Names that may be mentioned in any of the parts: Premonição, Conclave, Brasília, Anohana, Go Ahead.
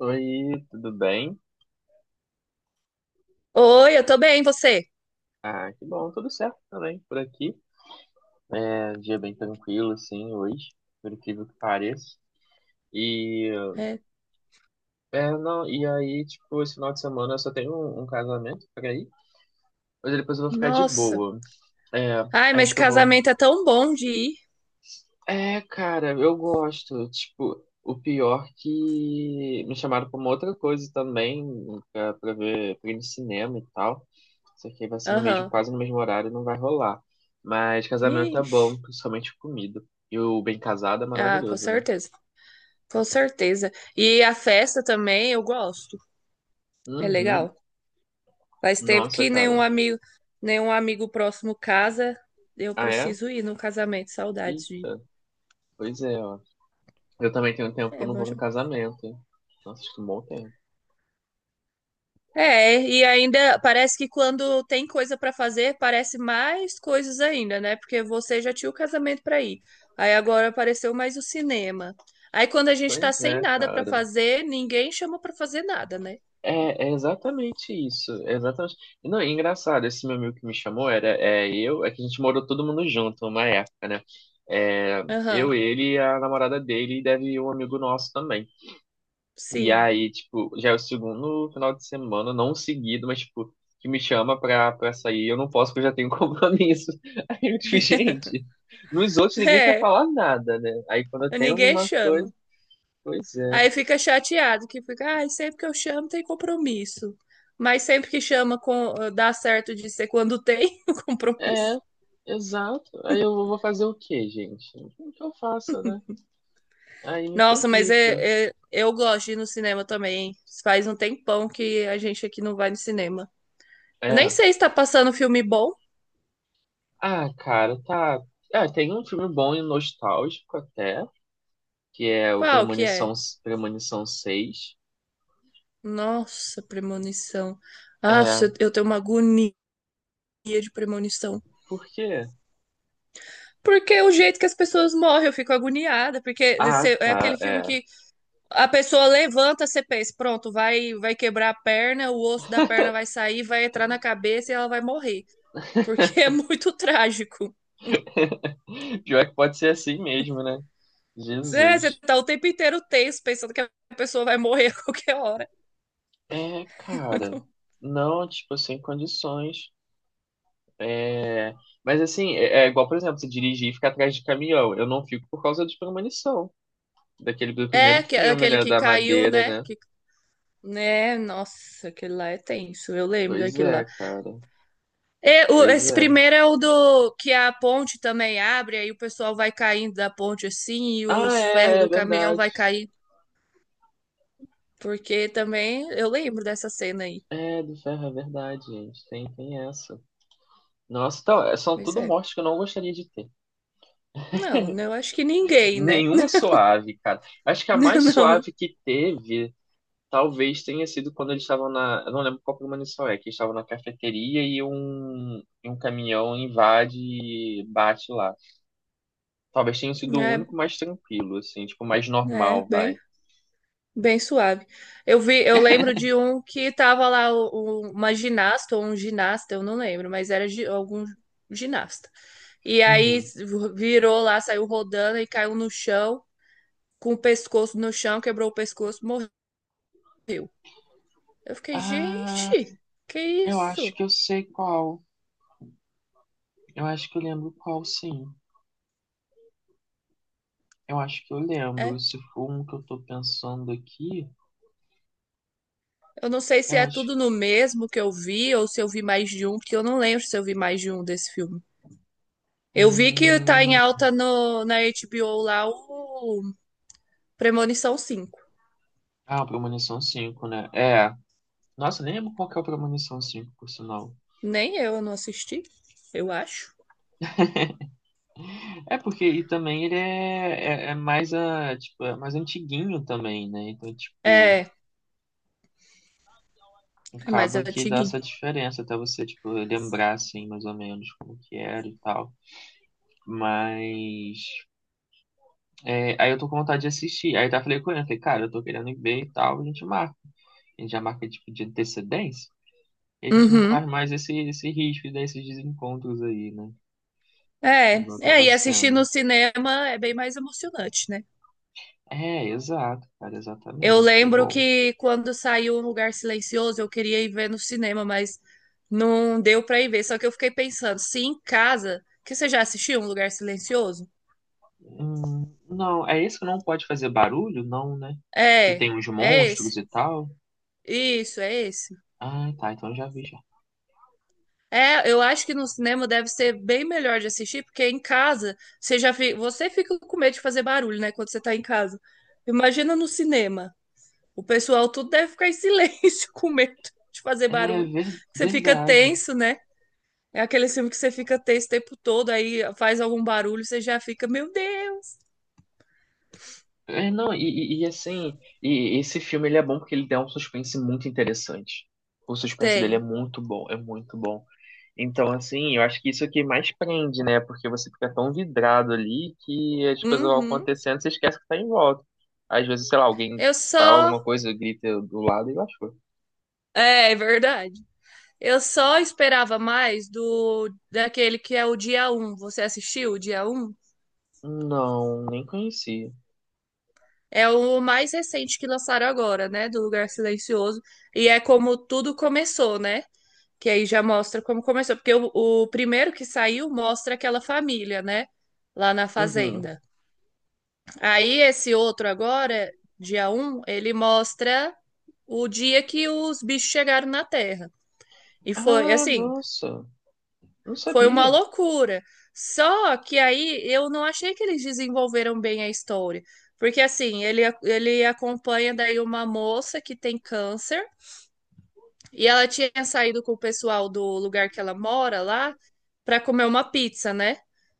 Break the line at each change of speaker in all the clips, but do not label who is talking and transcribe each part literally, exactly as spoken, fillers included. Oi, tudo bem?
Oi, eu tô bem, você?
Ah, que bom, tudo certo também por aqui. É um dia bem tranquilo, assim, hoje, por incrível que pareça. E,
É.
é, não, e aí, tipo, esse final de semana eu só tenho um, um casamento pra ir, mas depois eu vou ficar de
Nossa.
boa. É,
Ai, mas
acho que eu vou.
casamento é tão bom de ir.
É, cara, eu gosto. Tipo, o pior que me chamaram pra uma outra coisa também, pra, pra ver, pra ir no cinema e tal. Isso aqui vai ser no mesmo,
Aham.
quase no mesmo horário, não vai rolar. Mas casamento é
Ixi.
bom, principalmente comida. E o bem casado é
Ah, com
maravilhoso, né?
certeza. Com certeza. E a festa também eu gosto. É legal.
Uhum.
Faz tempo
Nossa,
que
cara.
nenhum amigo, nenhum amigo próximo casa. Eu
Ah, é?
preciso ir no casamento. Saudades de. Ir.
Eita. Pois é, ó. Eu também tenho um tempo que eu
É
não
bom
vou num
demais.
casamento, hein? Nossa, acho que é um bom tempo.
É, e ainda parece que quando tem coisa pra fazer, parece mais coisas ainda, né? Porque você já tinha o casamento pra ir. Aí agora apareceu mais o cinema. Aí quando a gente tá
Pois
sem
é,
nada pra
cara.
fazer, ninguém chama pra fazer nada, né?
É, é exatamente isso. É exatamente. E não, é engraçado, esse meu amigo que me chamou era é, eu, é que a gente morou todo mundo junto uma época, né? É,
Aham.
eu, ele e a namorada dele, e deve ir um amigo nosso também. E
Sim.
aí, tipo, já é o segundo final de semana, não seguido, mas, tipo, que me chama pra, pra sair. Eu não posso, porque eu já tenho compromisso. Aí eu, tipo, gente, nos outros ninguém quer falar nada, né? Aí quando eu
É,
tenho
ninguém
alguma coisa,
chama.
pois é.
Aí fica chateado que fica, ai, sempre que eu chamo tem compromisso. Mas sempre que chama com dá certo de ser quando tem o
É,
compromisso.
exato. Aí eu vou fazer o quê, gente? O que eu faço, né? Aí me
Nossa, mas
complica.
é, é- eu gosto de ir no cinema também. Faz um tempão que a gente aqui não vai no cinema. Eu nem
É.
sei se tá passando filme bom.
Ah, cara, tá. É, tem um filme bom e nostálgico até, que é o
Qual que
Premonição,
é?
Premonição seis.
Nossa, premonição. Ah,
É,
eu eu tenho uma agonia de premonição.
por quê?
Porque é o jeito que as pessoas morrem, eu fico agoniada. Porque
Ah,
você- é
tá,
aquele filme
é.
que a pessoa levanta, você pensa, pronto, vai, vai quebrar a perna, o osso da perna vai sair, vai entrar na cabeça e ela vai morrer. Porque é muito trágico.
Pior que pode ser assim mesmo, né?
É, você
Jesus.
tá o tempo inteiro tenso, pensando que a pessoa vai morrer a qualquer hora.
É, cara. Não, tipo, sem condições. Mas assim, é, é igual, por exemplo, você dirigir e ficar atrás de caminhão. Eu não fico por causa de premonição. Daquele do primeiro
É, que-
filme,
aquele
né?
que
Da
caiu,
madeira,
né?
né?
Que, né? Nossa, aquele lá é tenso. Eu lembro
Pois
daquele lá.
é, cara.
É, o-
Pois
esse
é.
primeiro é o do que a ponte também abre, aí o pessoal vai caindo da ponte assim e
Ah,
os ferros
é, é
do caminhão
verdade.
vai cair. Porque também eu lembro dessa cena aí.
É, do ferro, é verdade, gente. Tem, tem essa. Nossa, então, é- são
Pois
tudo
é.
mortes que eu não gostaria de ter.
Não, né, eu acho que ninguém, né?
Nenhuma é suave, cara. Acho que a mais
Não.
suave que teve. Talvez tenha sido quando eles estavam na. Eu não lembro qual premonição é, que eles estavam na cafeteria e um, e um caminhão invade e bate lá. Talvez tenha sido o
É,
único mais tranquilo, assim, tipo, mais
é
normal,
bem.
vai.
Bem suave. Eu vi, eu lembro de um que tava lá o- o- uma ginasta ou um ginasta, eu não lembro, mas era gi- algum ginasta. E aí
Uhum.
virou lá, saiu rodando e caiu no chão, com o pescoço no chão, quebrou o pescoço, morreu. Eu fiquei,
Ah,
gente, que
eu acho
isso?
que eu sei qual. Eu acho que eu lembro qual, sim. Eu acho que eu
É,
lembro. Se for um que eu tô pensando aqui,
eu não sei se
eu
é
acho.
tudo no mesmo que eu vi ou se eu vi mais de um, porque eu não lembro se eu vi mais de um desse filme. Eu vi que tá em
Hum...
alta no, na H B O lá o Premonição cinco.
Ah, o Premonição cinco, né? É. Nossa, nem lembro qual que é o Premonição cinco por sinal.
Nem eu, eu não assisti, eu acho.
É porque e também ele é, é, é mais a, tipo, é mais antiguinho também, né? Então, tipo,
É, é mais
acaba que dá
antiguinho.
essa diferença até você, tipo, lembrar assim, mais ou menos como que era e tal. Mas é, aí eu tô com vontade de assistir. Aí tá falei com ele, eu falei, cara, eu tô querendo ir ver e tal, a gente marca. A gente já marca tipo de antecedência, e a gente não corre
Uhum.
mais esse, esse risco desses desencontros aí, né?
É,
Igual
é,
tava
e assistir no
sendo.
cinema é bem mais emocionante, né?
É, exato, cara,
Eu
exatamente. É
lembro
bom.
que quando saiu Um Lugar Silencioso, eu queria ir ver no cinema, mas não deu pra ir ver. Só que eu fiquei pensando, se em casa, que você já assistiu Um Lugar Silencioso?
Hum, não, é esse que não pode fazer barulho? Não, né? Que
É,
tem uns
é
monstros
esse.
e tal.
Isso, é esse.
Ah, tá, então eu já vi já.
É, eu acho que no cinema deve ser bem melhor de assistir, porque em casa você já fi- você fica com medo de fazer barulho, né, quando você tá em casa. Imagina no cinema. O pessoal tudo deve ficar em silêncio com medo de fazer
É
barulho.
ver-
Você fica
verdade.
tenso, né? É aquele filme que você fica tenso o tempo todo, aí faz algum barulho, você já fica, meu Deus,
É, não, e, e- e, assim, e esse filme ele é bom porque ele dá um suspense muito interessante. O suspense dele é
tem.
muito bom, é muito bom. Então, assim, eu acho que isso é o que mais prende, né? Porque você fica tão vidrado ali que as coisas vão
Uhum.
acontecendo e você esquece que tá em volta. Às vezes, sei lá, alguém
Eu
fala alguma
só.
coisa, grita do lado e eu acho.
É, é verdade. Eu só esperava mais do daquele que é o dia um. Você assistiu o dia um?
Não, nem conhecia.
É o mais recente que lançaram agora, né? Do Lugar Silencioso. E é como tudo começou, né? Que aí já mostra como começou. Porque o, o primeiro que saiu mostra aquela família, né? Lá na
Uhum.
fazenda. Aí esse outro agora, dia um, ele mostra o dia que os bichos chegaram na Terra. E foi
Ah,
assim,
nossa. Não
foi uma
sabia.
loucura. Só que aí eu não achei que eles desenvolveram bem a história. Porque assim, ele, ele acompanha daí uma moça que tem câncer e ela tinha saído com o pessoal do lugar que ela mora lá para comer uma pizza, né?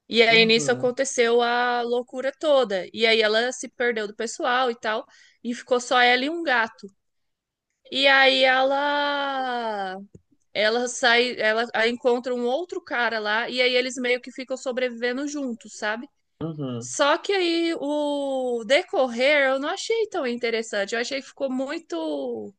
E aí nisso
Uhum.
aconteceu a loucura toda. E aí ela se perdeu do pessoal e tal, e ficou só ela e um gato. E aí ela ela sai, ela a- encontra um outro cara lá e aí eles meio que ficam sobrevivendo juntos, sabe?
Uhum.
Só que aí o decorrer eu não achei tão interessante. Eu achei que ficou muito.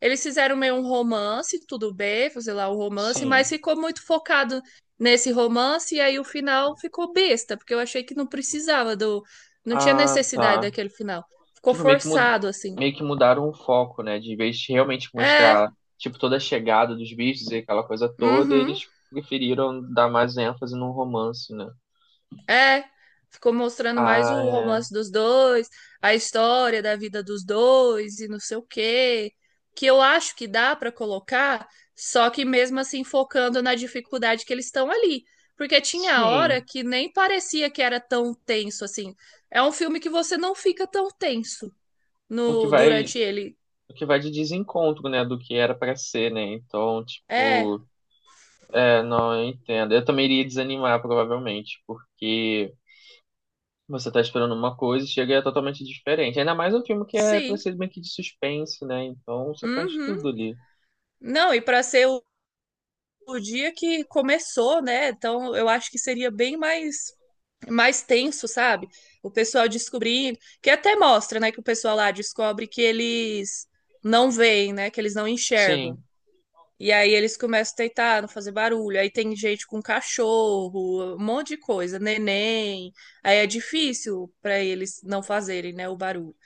Eles fizeram meio um romance, tudo bem, sei lá, um romance,
Sim.
mas ficou muito focado nesse romance e aí o final ficou besta, porque eu achei que não precisava do. Não tinha
Ah,
necessidade
tá.
daquele final. Ficou
Tipo, meio que, mu-
forçado, assim.
meio que mudaram o foco, né? De vez de realmente
É,
mostrar, tipo, toda a chegada dos bichos e aquela coisa toda,
uhum.
eles preferiram dar mais ênfase num romance, né?
É, ficou mostrando mais
Ah,
o
é.
romance dos dois, a história da vida dos dois e não sei o quê, que eu acho que dá para colocar, só que mesmo assim focando na dificuldade que eles estão ali, porque tinha
Sim.
hora que nem parecia que era tão tenso assim. É um filme que você não fica tão tenso
O que
no
vai,
durante ele.
o que vai de desencontro, né? Do que era pra ser, né? Então,
É,
tipo, não, eu entendo. Eu também iria desanimar, provavelmente, porque. Você tá esperando uma coisa e chega e é totalmente diferente. Ainda mais um filme que é pra
sim.
ser meio que de suspense, né? Então você perde
Uhum.
tudo ali.
Não, e para ser o o dia que começou, né? Então eu acho que seria bem mais mais tenso, sabe? O pessoal descobrindo, que até mostra, né, que o pessoal lá descobre que eles não veem, né, que eles não enxergam.
Sim,
E aí eles começam a tentar não fazer barulho. Aí tem gente com cachorro, um monte de coisa, neném. Aí é difícil para eles não fazerem, né, o barulho.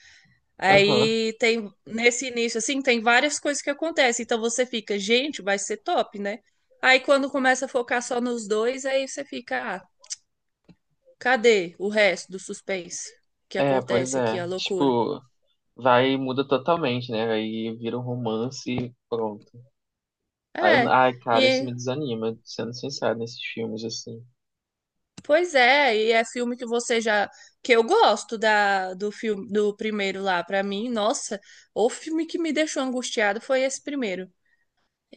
aham.
Aí tem nesse início assim, tem várias coisas que acontecem. Então você fica, gente, vai ser top, né? Aí quando começa a focar só nos dois, aí você fica, ah, cadê o resto do suspense que
É, pois
acontece aqui,
é.
a loucura?
Tipo, vai e muda totalmente, né? Aí vira um romance e pronto. Aí eu-
É,
Ai, cara, isso
e
me desanima, sendo sincero, nesses filmes, assim.
pois é, e é filme que você já que eu gosto da do filme do primeiro lá pra mim. Nossa, o filme que me deixou angustiado foi esse primeiro.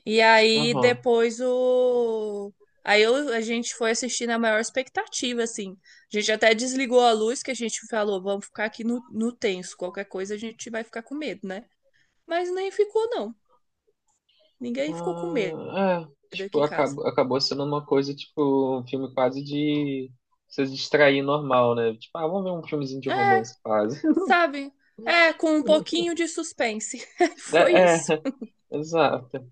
E aí
Aham.
depois o aí eu, a gente foi assistir na maior expectativa assim. A gente até desligou a luz que a gente falou, vamos ficar aqui no, no tenso, qualquer coisa a gente vai ficar com medo, né? Mas nem ficou não. Ninguém ficou com medo
Ah, é, tipo,
aqui em casa.
acabou, acabou sendo uma coisa, tipo, um filme quase de você se distrair normal, né? Tipo, ah, vamos ver um filmezinho de
É,
romance quase.
sabe? É, com um pouquinho de suspense. Foi
É,
isso.
é. Exato.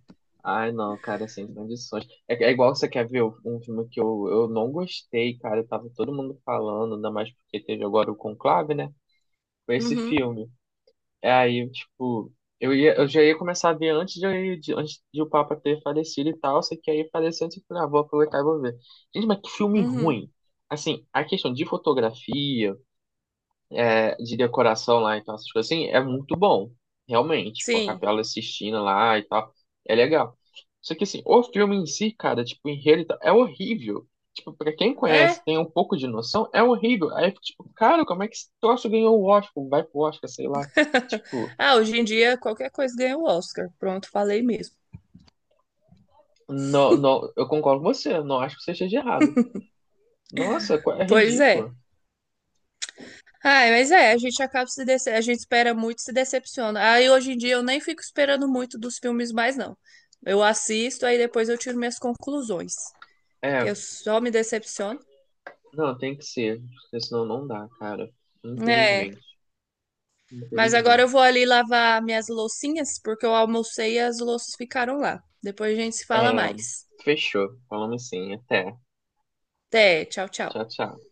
Ai, não, cara, sem condições. É, é igual você quer ver um filme que eu, eu não gostei, cara. Tava todo mundo falando, ainda mais porque teve agora o Conclave, né? Foi esse
Uhum,
filme. É aí, tipo, eu ia, eu já ia começar a ver antes de, de- antes de o Papa ter falecido e tal. Só que aí faleceu, eu falei, ah, vou aproveitar e vou ver. Gente, mas que filme
uhum.
ruim. Assim, a questão de fotografia é, de decoração lá, então essas coisas assim, é muito bom, realmente. Tipo, a
Sim.
Capela Sistina lá e tal, é legal. Só que assim, o filme em si, cara, tipo, o enredo e tal, é horrível. Tipo, pra quem
É.
conhece, tem um pouco de noção, é horrível. Aí, tipo, cara, como é que esse troço ganhou o Oscar? Vai pro Oscar, sei lá. Tipo,
Ah, hoje em dia qualquer coisa ganha o Oscar. Pronto, falei mesmo.
não, não, eu concordo com você, não acho que você esteja errado. Nossa, qu- é
Pois
ridícula.
é. Ai, mas é, a gente acaba se dece... a gente espera muito, e se decepciona. Aí hoje em dia eu nem fico esperando muito dos filmes mais, não. Eu assisto, aí depois eu tiro minhas conclusões. Que
É,
eu só me decepciono.
não, tem que ser, porque senão não dá, cara.
É.
Infelizmente,
Mas agora eu vou
infelizmente.
ali lavar minhas loucinhas, porque eu almocei e as louças ficaram lá. Depois a gente se fala
É,
mais.
fechou. Falamos sim. Até.
Até, tchau, tchau.
Tchau, tchau.